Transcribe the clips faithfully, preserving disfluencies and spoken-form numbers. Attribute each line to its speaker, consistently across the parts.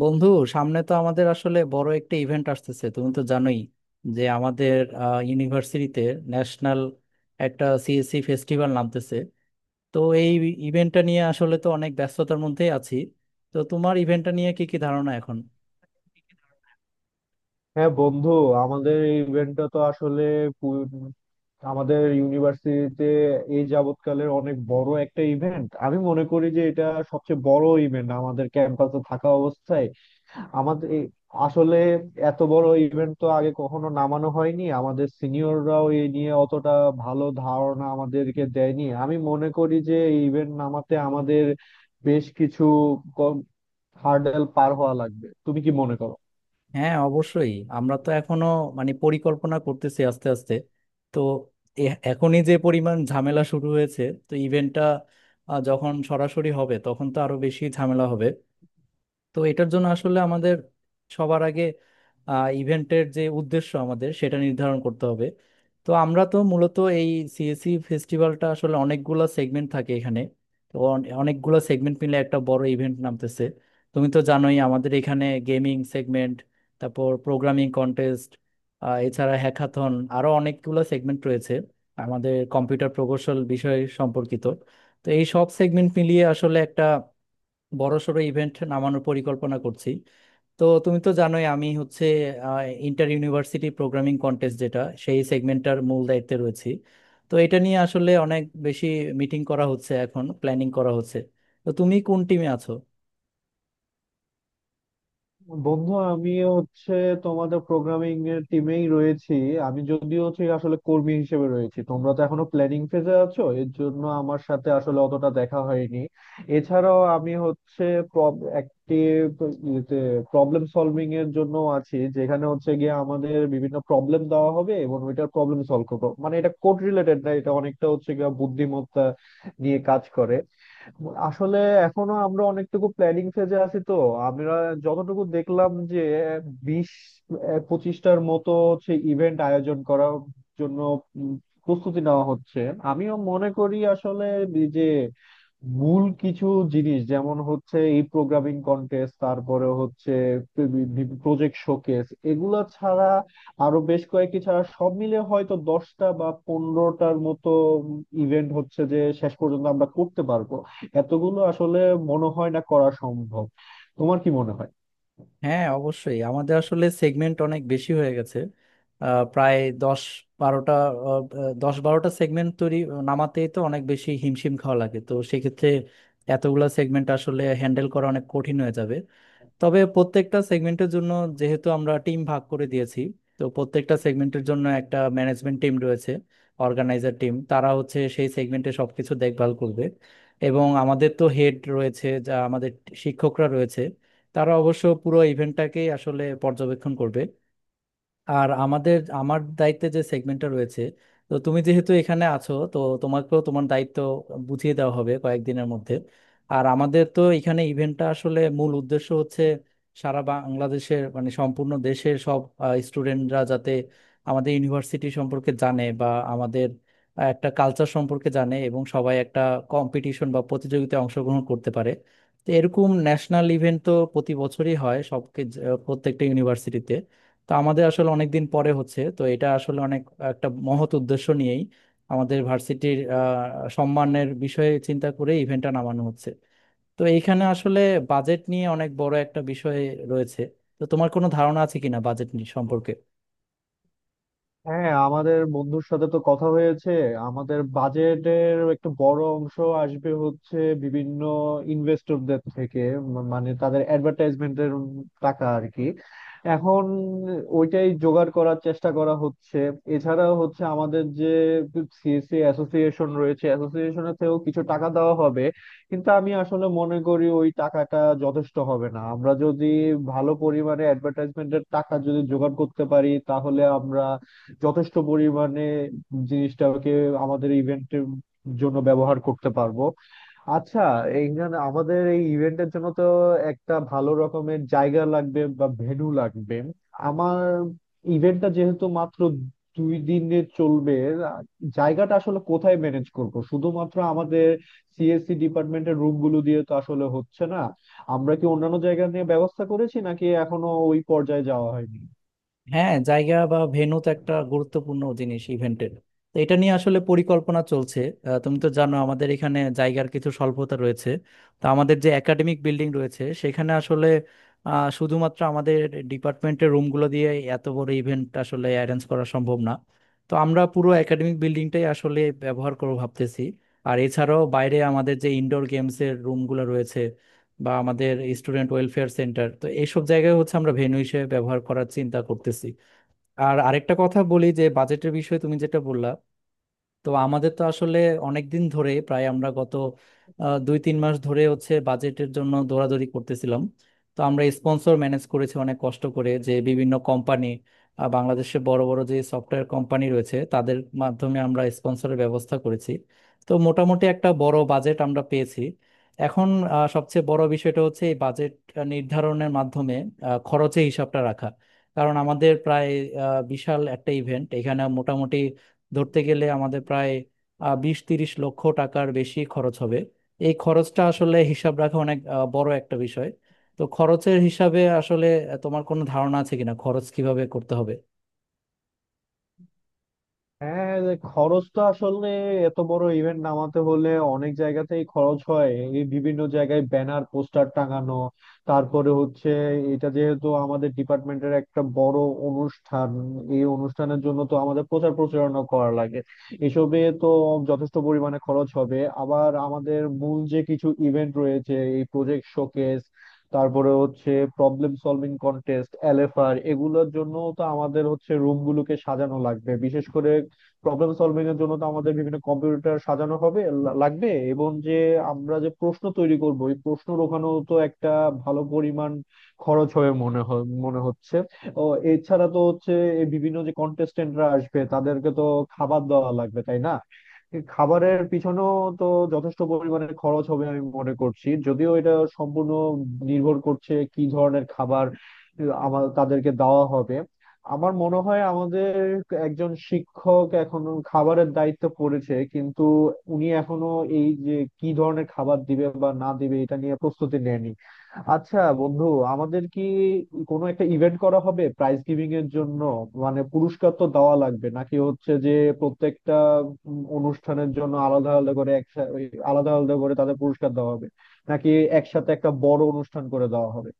Speaker 1: বন্ধু, সামনে তো আমাদের আসলে বড় একটা ইভেন্ট আসতেছে, তুমি তো জানোই যে আমাদের ইউনিভার্সিটিতে ন্যাশনাল একটা সিএসসি ফেস্টিভ্যাল নামতেছে। তো এই ইভেন্টটা নিয়ে আসলে তো অনেক ব্যস্ততার মধ্যেই আছি। তো তোমার ইভেন্টটা নিয়ে কি কি ধারণা এখন?
Speaker 2: হ্যাঁ, বন্ধু। আমাদের এই ইভেন্টটা তো আসলে পু- আমাদের ইউনিভার্সিটিতে এই যাবৎকালের অনেক বড় একটা ইভেন্ট। আমি মনে করি যে এটা সবচেয়ে বড় ইভেন্ট আমাদের ক্যাম্পাসে থাকা অবস্থায়। আমাদের এই- আসলে এত বড় ইভেন্ট তো আগে কখনো নামানো হয়নি, আমাদের সিনিয়ররাও এই নিয়ে অতটা ভালো ধারণা আমাদেরকে দেয়নি। আমি মনে করি যে এই ইভেন্ট নামাতে আমাদের বেশ কিছু হার্ডেল পার হওয়া লাগবে। তুমি কি মনে করো?
Speaker 1: হ্যাঁ অবশ্যই, আমরা তো এখনো মানে পরিকল্পনা করতেছি আস্তে আস্তে। তো এ- এখনই যে পরিমাণ ঝামেলা শুরু হয়েছে, তো ইভেন্টটা যখন সরাসরি হবে তখন তো আরো বেশি ঝামেলা হবে। তো এটার জন্য আসলে আমাদের সবার আগে ইভেন্টের যে উদ্দেশ্য আমাদের সেটা নির্ধারণ করতে হবে। তো আমরা তো মূলত এই সিএসি ফেস্টিভ্যালটা আসলে অনেকগুলা সেগমেন্ট থাকে এখানে। তো অনেকগুলো সেগমেন্ট মিলে একটা বড় ইভেন্ট নামতেছে। তুমি তো জানোই আমাদের এখানে গেমিং সেগমেন্ট, তারপর প্রোগ্রামিং কন্টেস্ট, এছাড়া হ্যাকাথন, আরো অনেকগুলো সেগমেন্ট রয়েছে আমাদের কম্পিউটার প্রকৌশল বিষয় সম্পর্কিত। তো এই সব সেগমেন্ট মিলিয়ে আসলে একটা বড়সড় ইভেন্ট নামানোর পরিকল্পনা করছি। তো তুমি তো জানোই আমি হচ্ছে ইন্টার ইউনিভার্সিটি প্রোগ্রামিং কন্টেস্ট যেটা, সেই সেগমেন্টটার মূল দায়িত্বে রয়েছি। তো এটা নিয়ে আসলে অনেক বেশি মিটিং করা হচ্ছে এখন, প্ল্যানিং করা হচ্ছে। তো তুমি কোন টিমে আছো?
Speaker 2: বন্ধু, আমিও হচ্ছে তোমাদের প্রোগ্রামিং এর টিমেই রয়েছি। আমি যদিও হচ্ছে আসলে কর্মী হিসেবে রয়েছি, তোমরা তো এখনো প্ল্যানিং ফেজে আছো, এর জন্য আমার সাথে আসলে অতটা দেখা হয়নি। এছাড়াও আমি হচ্ছে একটি প্রবলেম সলভিং এর জন্য আছি, যেখানে হচ্ছে গিয়ে আমাদের বিভিন্ন প্রবলেম দেওয়া হবে এবং ওইটার প্রবলেম সলভ করবো। মানে এটা কোড রিলেটেড না, এটা অনেকটা হচ্ছে গিয়ে বুদ্ধিমত্তা নিয়ে কাজ করে। আসলে এখনো আমরা অনেকটুকু প্ল্যানিং ফেজে আছি। তো আমরা যতটুকু দেখলাম যে বিশ আহ, পঁচিশটার মতো হচ্ছে ইভেন্ট আয়োজন করার জন্য উম, প্রস্তুতি নেওয়া হচ্ছে। আমিও মনে করি আসলে এই যে মূল কিছু জিনিস, যেমন হচ্ছে এই প্রোগ্রামিং কন্টেস্ট, তারপরে হচ্ছে প্রজেক্ট শোকেস, এগুলা ছাড়া আরো বেশ কয়েকটি ছাড়া সব মিলে হয়তো দশটা বা পনেরোটার মতো ইভেন্ট হচ্ছে যে শেষ পর্যন্ত আমরা করতে পারবো। এতগুলো আসলে মনে হয় না করা সম্ভব। তোমার কি মনে হয়?
Speaker 1: হ্যাঁ অবশ্যই, আমাদের আসলে সেগমেন্ট অনেক বেশি হয়ে গেছে। আহ, প্রায় দশ বারোটা আহ, আহ, দশ বারোটা সেগমেন্ট তৈরি নামাতেই তো অনেক বেশি হিমশিম খাওয়া লাগে, তো সেক্ষেত্রে এতগুলা সেগমেন্ট আসলে হ্যান্ডেল করা অনেক কঠিন হয়ে যাবে। তবে প্রত্যেকটা সেগমেন্টের জন্য যেহেতু আমরা টিম ভাগ করে দিয়েছি, তো প্রত্যেকটা সেগমেন্টের জন্য একটা ম্যানেজমেন্ট টিম রয়েছে, অর্গানাইজার টিম। তারা হচ্ছে সেই সেগমেন্টে সবকিছু দেখভাল করবে। এবং আমাদের তো হেড রয়েছে, যা আমাদের শিক্ষকরা রয়েছে, তারা অবশ্য পুরো ইভেন্টটাকেই আসলে পর্যবেক্ষণ করবে। আর আমাদের আমার দায়িত্বে যে সেগমেন্টটা রয়েছে, তো তুমি যেহেতু এখানে আছো, তো তোমাকেও তোমার দায়িত্ব বুঝিয়ে দেওয়া হবে কয়েকদিনের মধ্যে। আর আমাদের তো এখানে ইভেন্টটা আসলে মূল উদ্দেশ্য হচ্ছে সারা বাংলাদেশের মানে সম্পূর্ণ দেশের সব স্টুডেন্টরা যাতে আমাদের ইউনিভার্সিটি সম্পর্কে জানে বা আমাদের আহ, একটা কালচার সম্পর্কে জানে এবং সবাই একটা কম্পিটিশন বা প্রতিযোগিতায় অংশগ্রহণ করতে পারে। তো এরকম ন্যাশনাল ইভেন্ট তো প্রতি বছরই হয় সবকে প্রত্যেকটা ইউনিভার্সিটিতে। তো আমাদের আসলে অনেক দিন পরে হচ্ছে, তো এটা আসলে অনেক একটা মহৎ উদ্দেশ্য নিয়েই আমাদের ভার্সিটির আহ, সম্মানের বিষয়ে চিন্তা করে ইভেন্টটা নামানো হচ্ছে। তো এইখানে আসলে বাজেট নিয়ে অনেক বড় একটা বিষয় রয়েছে। তো তোমার কোনো ধারণা আছে কিনা বাজেট নিয়ে সম্পর্কে?
Speaker 2: হ্যাঁ, আমাদের বন্ধুর সাথে তো কথা হয়েছে। আমাদের বাজেটের একটা বড় অংশ আসবে হচ্ছে বিভিন্ন ইনভেস্টরদের থেকে, ম- মানে তাদের অ্যাডভার্টাইজমেন্টের টাকা আর কি। এখন ওইটাই জোগাড় করার চেষ্টা করা হচ্ছে। এছাড়া হচ্ছে আমাদের যে সিএসসি অ্যাসোসিয়েশন রয়েছে, অ্যাসোসিয়েশনের থেকেও কিছু টাকা দেওয়া হবে। কিন্তু আমি আসলে মনে করি ওই টাকাটা যথেষ্ট হবে না। আমরা যদি ভালো পরিমাণে অ্যাডভার্টাইজমেন্টের টাকা যদি জোগাড় করতে পারি, তাহলে আমরা যথেষ্ট পরিমাণে জিনিসটাকে আমাদের ইভেন্টের জন্য ব্যবহার করতে পারবো। আচ্ছা, এইখানে আমাদের এই ইভেন্টের জন্য তো একটা ভালো রকমের জায়গা লাগবে বা ভেন্যু লাগবে। আমার ইভেন্টটা যেহেতু মাত্র দুই দিনে চলবে, জায়গাটা আসলে কোথায় ম্যানেজ করব? শুধুমাত্র আমাদের সিএসসি ডিপার্টমেন্টের রুম গুলো দিয়ে তো আসলে হচ্ছে না। আমরা কি অন্যান্য জায়গা নিয়ে ব্যবস্থা করেছি নাকি এখনো ওই পর্যায়ে যাওয়া হয়নি?
Speaker 1: হ্যাঁ, জায়গা বা ভেন্যু তো একটা গুরুত্বপূর্ণ জিনিস ইভেন্টের। তো এটা নিয়ে আসলে পরিকল্পনা চলছে। আহ, তুমি তো জানো আমাদের এখানে জায়গার কিছু স্বল্পতা রয়েছে। তো আমাদের যে একাডেমিক বিল্ডিং রয়েছে সেখানে আসলে আহ, শুধুমাত্র আমাদের ডিপার্টমেন্টের রুমগুলো দিয়ে এত বড় ইভেন্ট আসলে অ্যারেঞ্জ করা সম্ভব না। তো আমরা পুরো একাডেমিক বিল্ডিংটাই আসলে ব্যবহার করবো ভাবতেছি। আর এছাড়াও বাইরে আমাদের যে ইনডোর গেমসের রুমগুলো রয়েছে বা আমাদের স্টুডেন্ট ওয়েলফেয়ার সেন্টার, তো এইসব জায়গায় হচ্ছে আমরা ভেন্যু হিসেবে ব্যবহার করার চিন্তা করতেছি। আর আরেকটা কথা বলি, যে বাজেটের বিষয়ে তুমি যেটা বললা, তো আমাদের তো আসলে অনেক দিন ধরে, প্রায় আমরা গত আহ, দুই তিন মাস ধরে হচ্ছে বাজেটের জন্য দৌড়াদৌড়ি করতেছিলাম। তো আমরা স্পন্সর ম্যানেজ করেছি অনেক কষ্ট করে, যে বিভিন্ন কোম্পানি, বাংলাদেশে বড় বড় যে সফটওয়্যার কোম্পানি রয়েছে, তাদের মাধ্যমে আমরা স্পন্সরের ব্যবস্থা করেছি। তো মোটামুটি একটা বড় বাজেট আমরা পেয়েছি। এখন আহ, সবচেয়ে বড় বিষয়টা হচ্ছে এই বাজেট নির্ধারণের মাধ্যমে আহ, খরচের হিসাবটা রাখা। কারণ আমাদের প্রায় আহ, বিশাল একটা ইভেন্ট, এখানে মোটামুটি ধরতে গেলে আমাদের প্রায় আহ, বিশ তিরিশ লক্ষ টাকার বেশি খরচ হবে। এই খরচটা আসলে হিসাব রাখা অনেক আহ, বড় একটা বিষয়। তো খরচের হিসাবে আসলে আহ, তোমার কোনো ধারণা আছে কিনা খরচ কিভাবে করতে হবে?
Speaker 2: হ্যাঁ, যে খরচ তো আসলে এত বড় ইভেন্ট নামাতে হলে অনেক জায়গাতেই খরচ হয়। এই বিভিন্ন জায়গায় ব্যানার পোস্টার টাঙানো, তারপরে হচ্ছে এটা যেহেতু আমাদের ডিপার্টমেন্টের একটা বড় অনুষ্ঠান, এই অনুষ্ঠানের জন্য তো আমাদের প্রচার প্রচারণা করা লাগে, এসবে তো যথেষ্ট পরিমাণে খরচ হবে। আবার আমাদের মূল যে কিছু ইভেন্ট রয়েছে, এই প্রজেক্ট শোকেস, তারপরে হচ্ছে প্রবলেম সলভিং কন্টেস্ট, এলএফআর, এগুলোর জন্য তো আমাদের হচ্ছে রুম গুলোকে সাজানো লাগবে। বিশেষ করে প্রবলেম সলভিং এর জন্য তো আমাদের বিভিন্ন কম্পিউটার সাজানো হবে লা- লাগবে এবং যে আমরা যে প্রশ্ন তৈরি করব, এই প্রশ্ন ওখানেও তো একটা ভালো পরিমাণ খরচ হয়ে মনে হয় মনে হচ্ছে। ও, এছাড়া তো হচ্ছে এই বিভিন্ন যে কন্টেস্টেন্টরা আসবে তাদেরকে তো খাবার দেওয়া লাগবে, তাই না? এই খাবারের পিছনেও তো যথেষ্ট পরিমাণে খরচ হবে আমি মনে করছি, যদিও এটা সম্পূর্ণ নির্ভর করছে কি ধরনের খাবার আমার তাদেরকে দেওয়া হবে। আমার মনে হয় আমাদের একজন শিক্ষক এখন খাবারের দায়িত্ব পড়েছে, কিন্তু উনি এখনো এই যে কি ধরনের খাবার দিবে বা না দিবে এটা নিয়ে প্রস্তুতি নেয়নি। আচ্ছা বন্ধু, আমাদের কি কোনো একটা ইভেন্ট করা হবে প্রাইজ গিভিং এর জন্য? মানে পুরস্কার তো দেওয়া লাগবে। নাকি হচ্ছে যে প্রত্যেকটা উম, অনুষ্ঠানের জন্য আলাদা আলাদা করে, একসাথে আলাদা আলাদা করে তাদের পুরস্কার দেওয়া হবে, নাকি একসাথে একটা বড় অনুষ্ঠান করে দেওয়া হবে?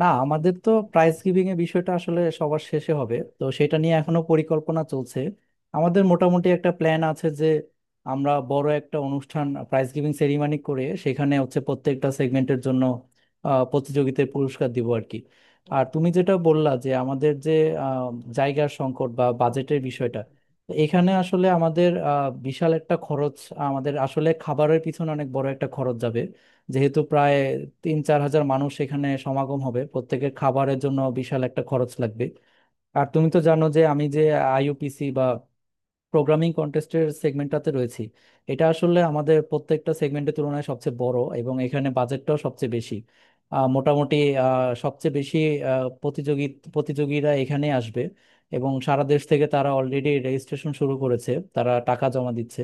Speaker 1: না, আমাদের তো প্রাইজ গিভিং এর বিষয়টা আসলে সবার শেষে হবে, তো সেটা নিয়ে এখনো পরিকল্পনা চলছে। আমাদের মোটামুটি একটা প্ল্যান আছে যে আমরা বড় একটা অনুষ্ঠান প্রাইজ গিভিং সেরিমনি করে সেখানে হচ্ছে প্রত্যেকটা সেগমেন্টের জন্য আহ, প্রতিযোগিতায় পুরস্কার দিব আর কি। আর তুমি যেটা বললা যে আমাদের যে আহ, জায়গার সংকট বা বাজেটের বিষয়টা, তো এখানে আসলে আমাদের আহ, বিশাল একটা খরচ, আমাদের আসলে খাবারের পিছনে অনেক বড় একটা খরচ যাবে। যেহেতু প্রায় তিন চার হাজার মানুষ এখানে সমাগম হবে, প্রত্যেকের খাবারের জন্য বিশাল একটা খরচ লাগবে। আর তুমি তো জানো যে আমি যে আইইউপিসি বা প্রোগ্রামিং কন্টেস্টের সেগমেন্টটাতে রয়েছি, এটা আসলে আমাদের প্রত্যেকটা সেগমেন্টের তুলনায় সবচেয়ে বড় এবং এখানে বাজেটটাও সবচেয়ে বেশি। আহ, মোটামুটি আহ, সবচেয়ে বেশি আহ, প্রতিযোগী প্রতিযোগীরা এখানে আসবে এবং সারা দেশ থেকে। তারা অলরেডি রেজিস্ট্রেশন শুরু করেছে, তারা টাকা জমা দিচ্ছে।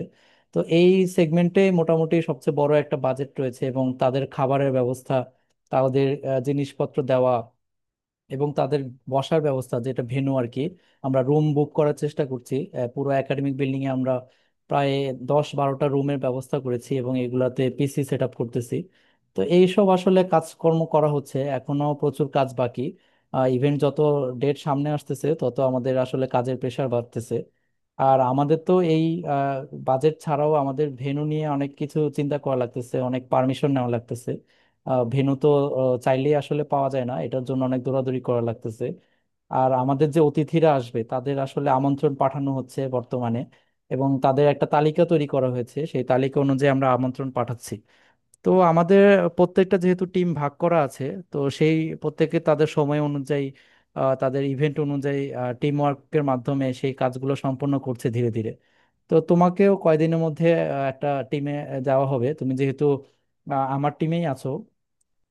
Speaker 1: তো এই সেগমেন্টে মোটামুটি সবচেয়ে বড় একটা বাজেট রয়েছে এবং তাদের খাবারের ব্যবস্থা, তাদের আহ, জিনিসপত্র দেওয়া এবং তাদের বসার ব্যবস্থা, যেটা ভেন্যু আর কি। আমরা রুম বুক করার চেষ্টা করছি, আহ, পুরো একাডেমিক বিল্ডিং এ আমরা প্রায় দশ বারোটা রুমের ব্যবস্থা করেছি এবং এগুলাতে পিসি সেট আপ করতেছি। তো এইসব আসলে কাজকর্ম করা হচ্ছে, এখনো প্রচুর কাজ বাকি। ইভেন্ট যত ডেট সামনে আসতেছে তত আমাদের আসলে কাজের প্রেশার বাড়তেছে। আর আমাদের তো এই বাজেট ছাড়াও আমাদের ভেন্যু নিয়ে অনেক কিছু চিন্তা করা লাগতেছে, অনেক পারমিশন নেওয়া লাগতেছে। আহ, ভেন্যু তো আহ, চাইলেই আসলে পাওয়া যায় না, এটার জন্য অনেক দৌড়াদৌড়ি করা লাগতেছে। আর আমাদের যে অতিথিরা আসবে তাদের আসলে আমন্ত্রণ পাঠানো হচ্ছে বর্তমানে, এবং তাদের একটা তালিকা তৈরি করা হয়েছে, সেই তালিকা অনুযায়ী আমরা আমন্ত্রণ পাঠাচ্ছি। তো আমাদের প্রত্যেকটা যেহেতু টিম ভাগ করা আছে, তো সেই প্রত্যেকে তাদের সময় অনুযায়ী, আহ, তাদের ইভেন্ট অনুযায়ী টিম ওয়ার্কের মাধ্যমে সেই কাজগুলো সম্পন্ন করছে ধীরে ধীরে। তো তোমাকেও কয়দিনের মধ্যে আহ, একটা টিমে যাওয়া হবে, তুমি যেহেতু আহ, আমার টিমেই আছো।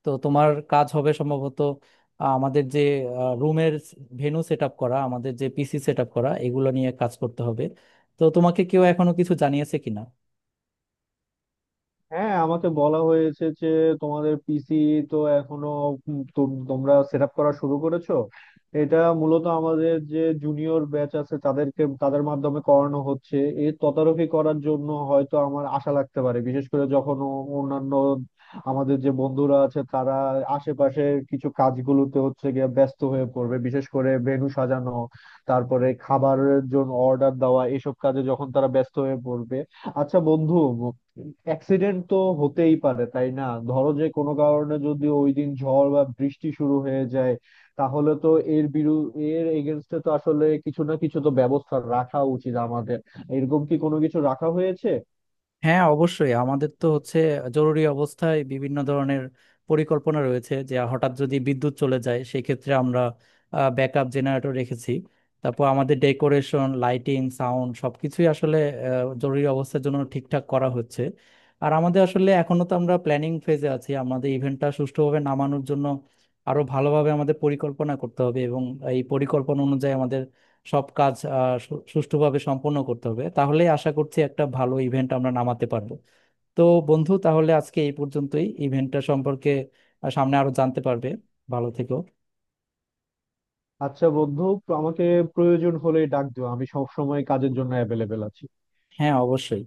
Speaker 1: তো তোমার কাজ হবে সম্ভবত আহ, আমাদের যে রুমের ভেন্যু সেট আপ করা, আমাদের যে পিসি সেট আপ করা, এগুলো নিয়ে কাজ করতে হবে। তো তোমাকে কেউ এখনো কিছু জানিয়েছে কিনা?
Speaker 2: হ্যাঁ, আমাকে বলা হয়েছে যে তোমাদের পিসি তো এখনো উম তো- তোমরা সেট আপ করা শুরু করেছো। এটা মূলত আমাদের যে জুনিয়র ব্যাচ আছে তাদেরকে, তাদের মাধ্যমে করানো হচ্ছে। এর তদারকি করার জন্য হয়তো আমার আশা লাগতে পারে, বিশেষ করে যখন ও- অন্যান্য আমাদের যে বন্ধুরা আছে তারা আশেপাশের কিছু কাজগুলোতে হচ্ছে গিয়ে ব্যস্ত হয়ে পড়বে, বিশেষ করে ভেন্যু সাজানো, তারপরে খাবারের জন্য অর্ডার দেওয়া, এসব কাজে যখন তারা ব্যস্ত হয়ে পড়বে। আচ্ছা বন্ধু, অ্যাক্সিডেন্ট তো হতেই পারে, তাই না? ধরো যে কোনো কারণে যদি ওই দিন ঝড় বা বৃষ্টি শুরু হয়ে যায়, তাহলে তো এর বিরু এর এগেনস্টে তো আসলে কিছু না কিছু তো ব্যবস্থা রাখা উচিত আমাদের। এরকম কি কোনো কিছু রাখা হয়েছে?
Speaker 1: হ্যাঁ অবশ্যই, আমাদের তো হচ্ছে জরুরি অবস্থায় বিভিন্ন ধরনের পরিকল্পনা রয়েছে। যে হঠাৎ যদি বিদ্যুৎ চলে যায় সেক্ষেত্রে আমরা ব্যাকআপ জেনারেটর রেখেছি। তারপর আমাদের ডেকোরেশন, লাইটিং, সাউন্ড সবকিছুই আসলে আহ, জরুরি অবস্থার জন্য ঠিকঠাক করা হচ্ছে। আর আমাদের আসলে এখনো তো আমরা প্ল্যানিং ফেজে আছি, আমাদের ইভেন্টটা সুষ্ঠুভাবে নামানোর জন্য আরো ভালোভাবে আমাদের পরিকল্পনা করতে হবে এবং এই পরিকল্পনা অনুযায়ী আমাদের সব কাজ আহ, সু- সুষ্ঠুভাবে সম্পন্ন করতে হবে, তাহলে আশা করছি একটা ভালো ইভেন্ট আমরা নামাতে পারবো। তো বন্ধু, তাহলে আজকে এই পর্যন্তই। ইভেন্টটা সম্পর্কে আহ, সামনে আরো জানতে পারবে। ভালো থেকো।
Speaker 2: আচ্ছা বন্ধু, আমাকে প্রয়োজন হলে ডাক দিও। আমি সব সময় কাজের জন্য অ্যাভেলেবেল আছি।
Speaker 1: হ্যাঁ অবশ্যই।